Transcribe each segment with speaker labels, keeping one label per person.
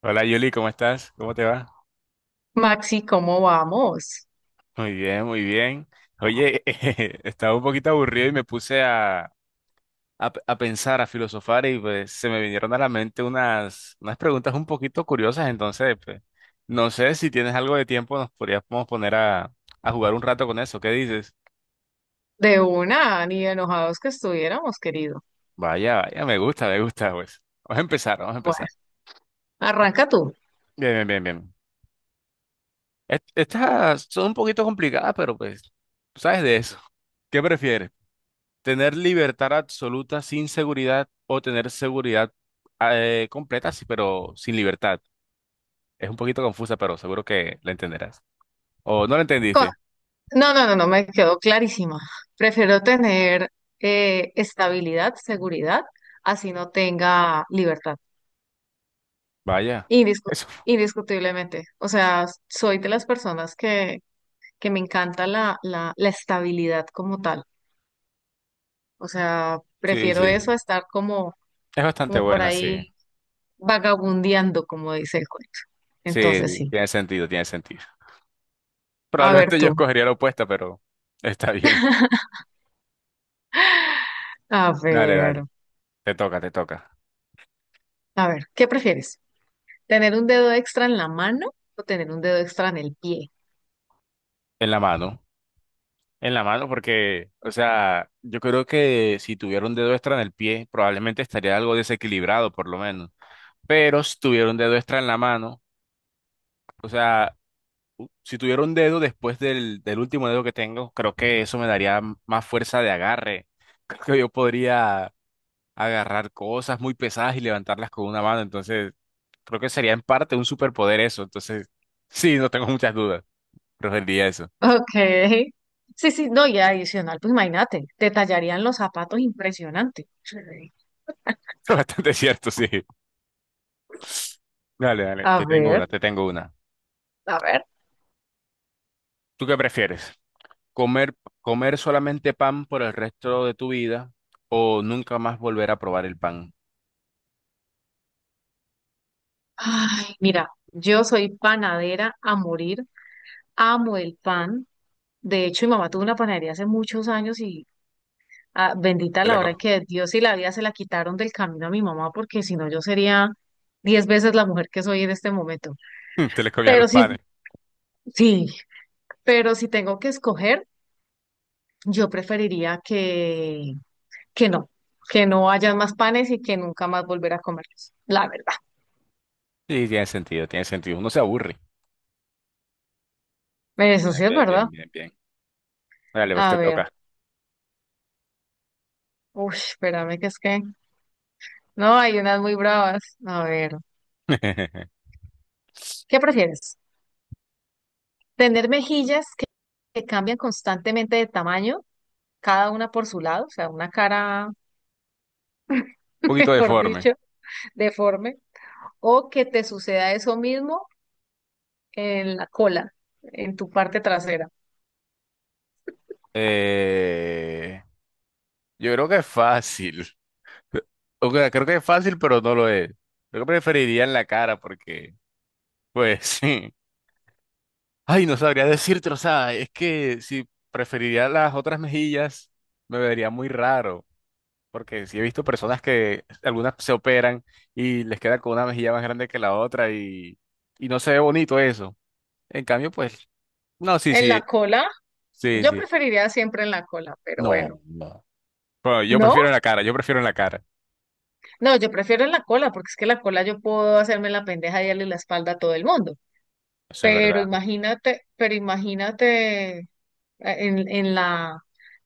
Speaker 1: Hola Yuli, ¿cómo estás? ¿Cómo te va?
Speaker 2: Maxi, ¿cómo vamos?
Speaker 1: Muy bien, muy bien. Oye, estaba un poquito aburrido y me puse a, a pensar, a filosofar y pues se me vinieron a la mente unas preguntas un poquito curiosas, entonces pues, no sé si tienes algo de tiempo, nos podríamos poner a jugar un rato con eso, ¿qué dices?
Speaker 2: De una, ni enojados que estuviéramos, querido.
Speaker 1: Vaya, vaya, me gusta, pues. Vamos a empezar, vamos a
Speaker 2: Bueno,
Speaker 1: empezar.
Speaker 2: arranca tú.
Speaker 1: Bien, bien, bien, bien. Estas son un poquito complicadas, pero pues, tú sabes de eso. ¿Qué prefieres? Tener libertad absoluta sin seguridad o tener seguridad completa, sí, pero sin libertad. Es un poquito confusa, pero seguro que la entenderás. O no la
Speaker 2: Co-
Speaker 1: entendiste.
Speaker 2: No, no, no, no, me quedó clarísima. Prefiero tener estabilidad, seguridad, así no tenga libertad.
Speaker 1: Vaya.
Speaker 2: Indiscu-
Speaker 1: Eso.
Speaker 2: indiscutiblemente. O sea, soy de las personas que me encanta la estabilidad como tal. O sea,
Speaker 1: Sí,
Speaker 2: prefiero
Speaker 1: sí, sí.
Speaker 2: eso a estar como,
Speaker 1: Es bastante
Speaker 2: como por
Speaker 1: buena, sí.
Speaker 2: ahí vagabundeando, como dice el cuento.
Speaker 1: Sí,
Speaker 2: Entonces,
Speaker 1: sí,
Speaker 2: sí.
Speaker 1: tiene sentido, tiene sentido.
Speaker 2: A ver
Speaker 1: Probablemente yo
Speaker 2: tú.
Speaker 1: escogería la opuesta, pero está bien.
Speaker 2: A
Speaker 1: Dale,
Speaker 2: ver,
Speaker 1: dale. Te toca, te toca.
Speaker 2: a ver, ¿qué prefieres? ¿Tener un dedo extra en la mano o tener un dedo extra en el pie?
Speaker 1: En la mano. En la mano, porque, o sea, yo creo que si tuviera un dedo extra en el pie, probablemente estaría algo desequilibrado, por lo menos. Pero si tuviera un dedo extra en la mano, o sea, si tuviera un dedo después del último dedo que tengo, creo que eso me daría más fuerza de agarre. Creo que yo podría agarrar cosas muy pesadas y levantarlas con una mano, entonces creo que sería en parte un superpoder eso, entonces sí, no tengo muchas dudas, preferiría eso.
Speaker 2: Ok. Sí, sí, no, y adicional, pues imagínate, te tallarían los zapatos impresionante. Sí.
Speaker 1: Es bastante cierto, sí. Dale, dale,
Speaker 2: A
Speaker 1: te tengo
Speaker 2: ver,
Speaker 1: una, te tengo una.
Speaker 2: a ver.
Speaker 1: ¿Tú qué prefieres? ¿Comer, comer solamente pan por el resto de tu vida o nunca más volver a probar el pan?
Speaker 2: Ay, mira, yo soy panadera a morir, amo el pan. De hecho, mi mamá tuvo una panadería hace muchos años y ah, bendita
Speaker 1: Te
Speaker 2: la
Speaker 1: le,
Speaker 2: hora
Speaker 1: co-
Speaker 2: que Dios y la vida se la quitaron del camino a mi mamá, porque si no yo sería 10 veces la mujer que soy en este momento.
Speaker 1: te le comían
Speaker 2: Pero
Speaker 1: los
Speaker 2: sí,
Speaker 1: panes.
Speaker 2: sí, pero si tengo que escoger, yo preferiría que no, que no haya más panes y que nunca más volver a comerlos. La verdad.
Speaker 1: Sí, tiene sentido, tiene sentido. Uno se aburre.
Speaker 2: Eso
Speaker 1: Bien,
Speaker 2: sí es
Speaker 1: bien,
Speaker 2: verdad.
Speaker 1: bien, bien, bien. Dale, pues
Speaker 2: A
Speaker 1: te
Speaker 2: ver,
Speaker 1: toca.
Speaker 2: uy, espérame no, hay unas muy bravas. A ver,
Speaker 1: Un
Speaker 2: ¿qué prefieres? ¿Tener mejillas que cambian constantemente de tamaño? Cada una por su lado, o sea, una cara
Speaker 1: poquito
Speaker 2: mejor
Speaker 1: deforme.
Speaker 2: dicho, deforme, o que te suceda eso mismo en la cola, en tu parte trasera.
Speaker 1: Eh, yo creo que es fácil. O sea, creo que es fácil, pero no lo es. Yo preferiría en la cara porque, pues sí. Ay, no sabría decirte, o sea, es que si preferiría las otras mejillas, me vería muy raro. Porque sí he visto personas que algunas se operan y les queda con una mejilla más grande que la otra y no se ve bonito eso. En cambio, pues, no, sí,
Speaker 2: En
Speaker 1: sí,
Speaker 2: la cola,
Speaker 1: sí,
Speaker 2: yo
Speaker 1: sí.
Speaker 2: preferiría siempre en la cola, pero bueno.
Speaker 1: No, no. Pero yo
Speaker 2: ¿No?
Speaker 1: prefiero en la cara, yo prefiero en la cara.
Speaker 2: No, yo prefiero en la cola, porque es que la cola yo puedo hacerme la pendeja y darle la espalda a todo el mundo.
Speaker 1: Eso es verdad.
Speaker 2: Pero imagínate en, en la,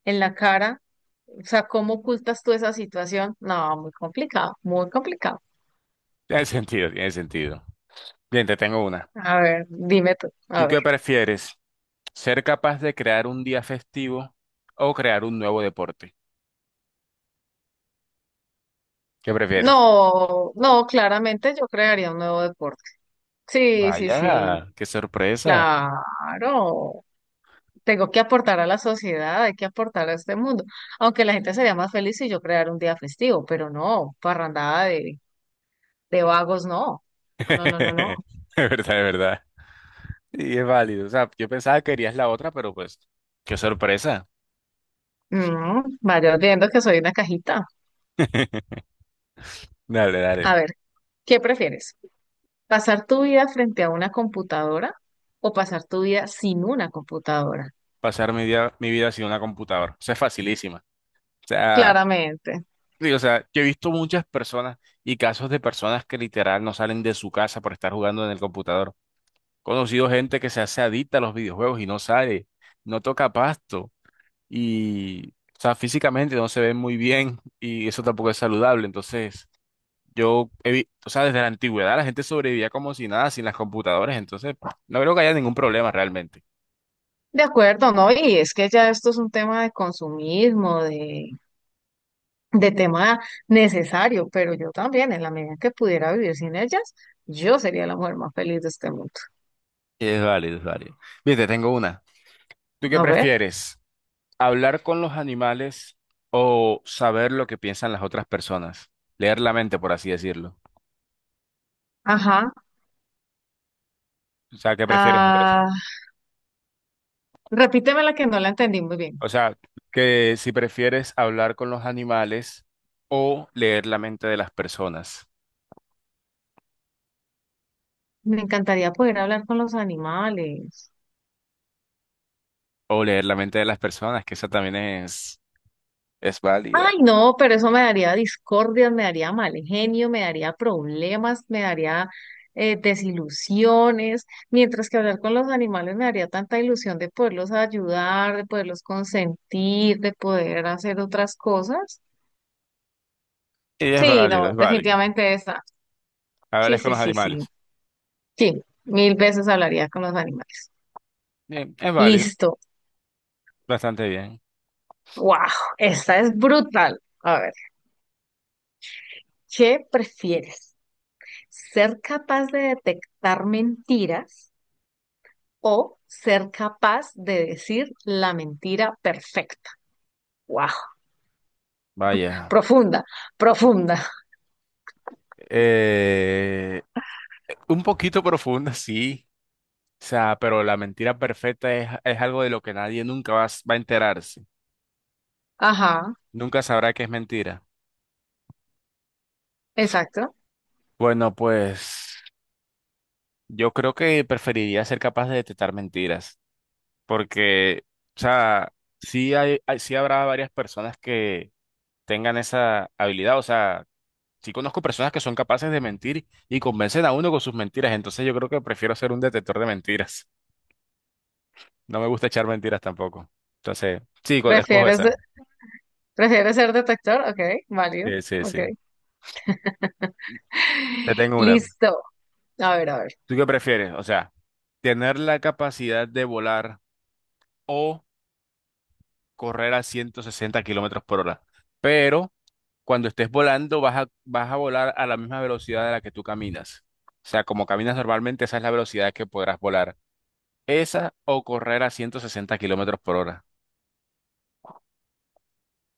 Speaker 2: en la cara, o sea, ¿cómo ocultas tú esa situación? No, muy complicado, muy complicado.
Speaker 1: Tiene sentido, tiene sentido. Bien, te tengo una.
Speaker 2: A ver, dime tú,
Speaker 1: ¿Tú
Speaker 2: a ver.
Speaker 1: qué prefieres? ¿Ser capaz de crear un día festivo o crear un nuevo deporte? ¿Qué prefieres?
Speaker 2: No, no, claramente yo crearía un nuevo deporte. Sí, sí, sí,
Speaker 1: Vaya, qué sorpresa.
Speaker 2: claro. Tengo que aportar a la sociedad, hay que aportar a este mundo. Aunque la gente sería más feliz si yo creara un día festivo, pero no, parrandada de vagos, no. No, no, no, no, no.
Speaker 1: De verdad, de verdad. Y es válido. O sea, yo pensaba que querías la otra, pero pues, qué sorpresa.
Speaker 2: Mm, vaya viendo que soy una cajita.
Speaker 1: Dale,
Speaker 2: A
Speaker 1: dale.
Speaker 2: ver, ¿qué prefieres? ¿Pasar tu vida frente a una computadora o pasar tu vida sin una computadora?
Speaker 1: Pasar mi día, mi vida sin una computadora. Eso es facilísima. O sea,
Speaker 2: Claramente.
Speaker 1: sí, o sea, yo he visto muchas personas y casos de personas que literal no salen de su casa por estar jugando en el computador. He conocido gente que se hace adicta a los videojuegos y no sale, no toca pasto y, o sea, físicamente no se ven muy bien y eso tampoco es saludable. Entonces, yo, o sea, desde la antigüedad la gente sobrevivía como si nada, sin las computadoras, entonces no creo que haya ningún problema realmente.
Speaker 2: De acuerdo, ¿no? Y es que ya esto es un tema de consumismo, de tema necesario, pero yo también, en la medida que pudiera vivir sin ellas, yo sería la mujer más feliz de este mundo.
Speaker 1: Es válido, es válido. Bien, te tengo una. ¿Tú qué
Speaker 2: A ver,
Speaker 1: prefieres? ¿Hablar con los animales o saber lo que piensan las otras personas? Leer la mente, por así decirlo.
Speaker 2: ajá.
Speaker 1: O sea, ¿qué prefieres entre esas?
Speaker 2: Ah, repíteme la que no la entendí muy bien.
Speaker 1: O sea, que si prefieres hablar con los animales o leer la mente de las personas.
Speaker 2: Me encantaría poder hablar con los animales.
Speaker 1: O leer la mente de las personas, que esa también es válida.
Speaker 2: Ay, no, pero eso me daría discordias, me daría mal genio, me daría problemas, me daría desilusiones, mientras que hablar con los animales me daría tanta ilusión de poderlos ayudar, de poderlos consentir, de poder hacer otras cosas.
Speaker 1: Y es
Speaker 2: Sí,
Speaker 1: válido,
Speaker 2: no,
Speaker 1: es válido.
Speaker 2: definitivamente esa. Sí,
Speaker 1: Hablarles con
Speaker 2: sí,
Speaker 1: los
Speaker 2: sí, sí.
Speaker 1: animales.
Speaker 2: Sí, 1000 veces hablaría con los animales.
Speaker 1: Bien, es válido,
Speaker 2: Listo.
Speaker 1: bastante bien.
Speaker 2: Wow, esta es brutal. A ver, ¿qué prefieres? ¿Ser capaz de detectar mentiras o ser capaz de decir la mentira perfecta? ¡Wow!
Speaker 1: Vaya.
Speaker 2: Profunda, profunda.
Speaker 1: Eh, un poquito profunda, sí. O sea, pero la mentira perfecta es algo de lo que nadie nunca va, va a enterarse.
Speaker 2: Ajá,
Speaker 1: Nunca sabrá que es mentira.
Speaker 2: exacto.
Speaker 1: Bueno, pues yo creo que preferiría ser capaz de detectar mentiras. Porque, o sea, sí hay, sí habrá varias personas que tengan esa habilidad. O sea, sí conozco personas que son capaces de mentir y convencen a uno con sus mentiras, entonces yo creo que prefiero ser un detector de mentiras. No me gusta echar mentiras tampoco. Entonces, sí, escojo
Speaker 2: ¿Prefieres, de-
Speaker 1: esa.
Speaker 2: ¿prefieres ser detector? Ok, válido.
Speaker 1: Sí, sí,
Speaker 2: Ok.
Speaker 1: sí. Te tengo una.
Speaker 2: Listo. A ver, a ver.
Speaker 1: ¿Tú qué prefieres? O sea, tener la capacidad de volar o correr a 160 kilómetros por hora. Pero cuando estés volando vas a volar a la misma velocidad a la que tú caminas. O sea, como caminas normalmente, esa es la velocidad que podrás volar. Esa o correr a 160 kilómetros por hora.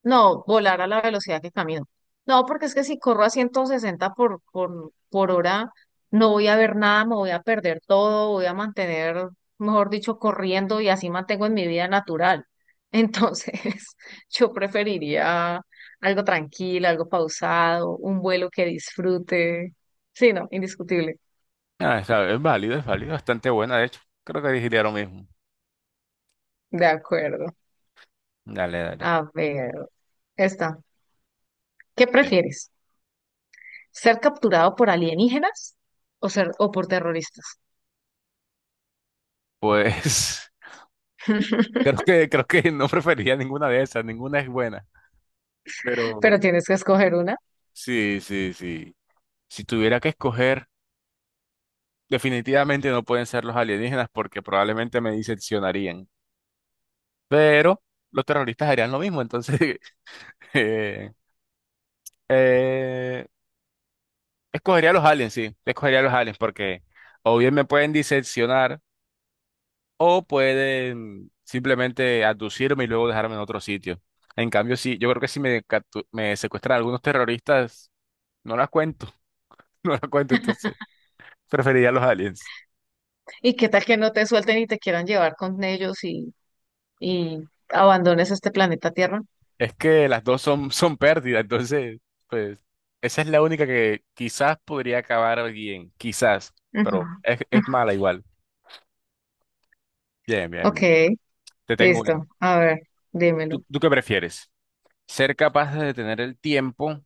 Speaker 2: No, volar a la velocidad que camino. No, porque es que si corro a 160 por hora, no voy a ver nada, me voy a perder todo, voy a mantener, mejor dicho, corriendo y así mantengo en mi vida natural. Entonces, yo preferiría algo tranquilo, algo pausado, un vuelo que disfrute. Sí, no, indiscutible.
Speaker 1: Es válido, es válido, bastante buena, de hecho. Creo que diría lo mismo.
Speaker 2: De acuerdo.
Speaker 1: Dale, dale.
Speaker 2: A ver, esta. ¿Qué
Speaker 1: Bien.
Speaker 2: prefieres? ¿Ser capturado por alienígenas o ser o por terroristas?
Speaker 1: Pues creo que no prefería ninguna de esas, ninguna es buena. Pero
Speaker 2: Pero tienes que escoger una.
Speaker 1: sí, sí, sí. Si tuviera que escoger, definitivamente no pueden ser los alienígenas porque probablemente me diseccionarían. Pero los terroristas harían lo mismo, entonces eh, eh, escogería a los aliens, sí, escogería a los aliens porque o bien me pueden diseccionar. O pueden simplemente aducirme y luego dejarme en otro sitio. En cambio, sí, yo creo que si me secuestran algunos terroristas, no las cuento, no las cuento, entonces preferiría los aliens.
Speaker 2: ¿Y qué tal que no te suelten y te quieran llevar con ellos y abandones este planeta Tierra?
Speaker 1: Es que las dos son, son pérdidas, entonces, pues, esa es la única que quizás podría acabar bien, quizás,
Speaker 2: Ujú.
Speaker 1: pero es
Speaker 2: Ujú.
Speaker 1: mala igual. Bien, bien,
Speaker 2: Ok,
Speaker 1: bien. Te tengo una.
Speaker 2: listo. A ver, dímelo.
Speaker 1: ¿Tú qué prefieres? ¿Ser capaz de detener el tiempo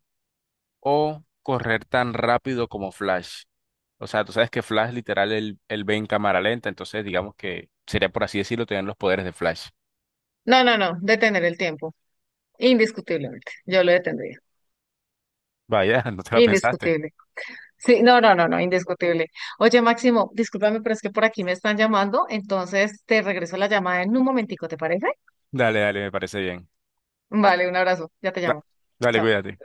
Speaker 1: o correr tan rápido como Flash? O sea, tú sabes que Flash literal él ve en cámara lenta, entonces digamos que sería por así decirlo tener los poderes de Flash.
Speaker 2: No, no, no, detener el tiempo. Indiscutiblemente. Yo lo detendría.
Speaker 1: Vaya, no te la pensaste.
Speaker 2: Indiscutible. Sí, no, no, no, no, indiscutible. Oye, Máximo, discúlpame, pero es que por aquí me están llamando, entonces te regreso la llamada en un momentico, ¿te parece?
Speaker 1: Dale, dale, me parece bien.
Speaker 2: Vale, un abrazo. Ya te
Speaker 1: Da-
Speaker 2: llamo.
Speaker 1: Dale,
Speaker 2: Chao.
Speaker 1: cuídate.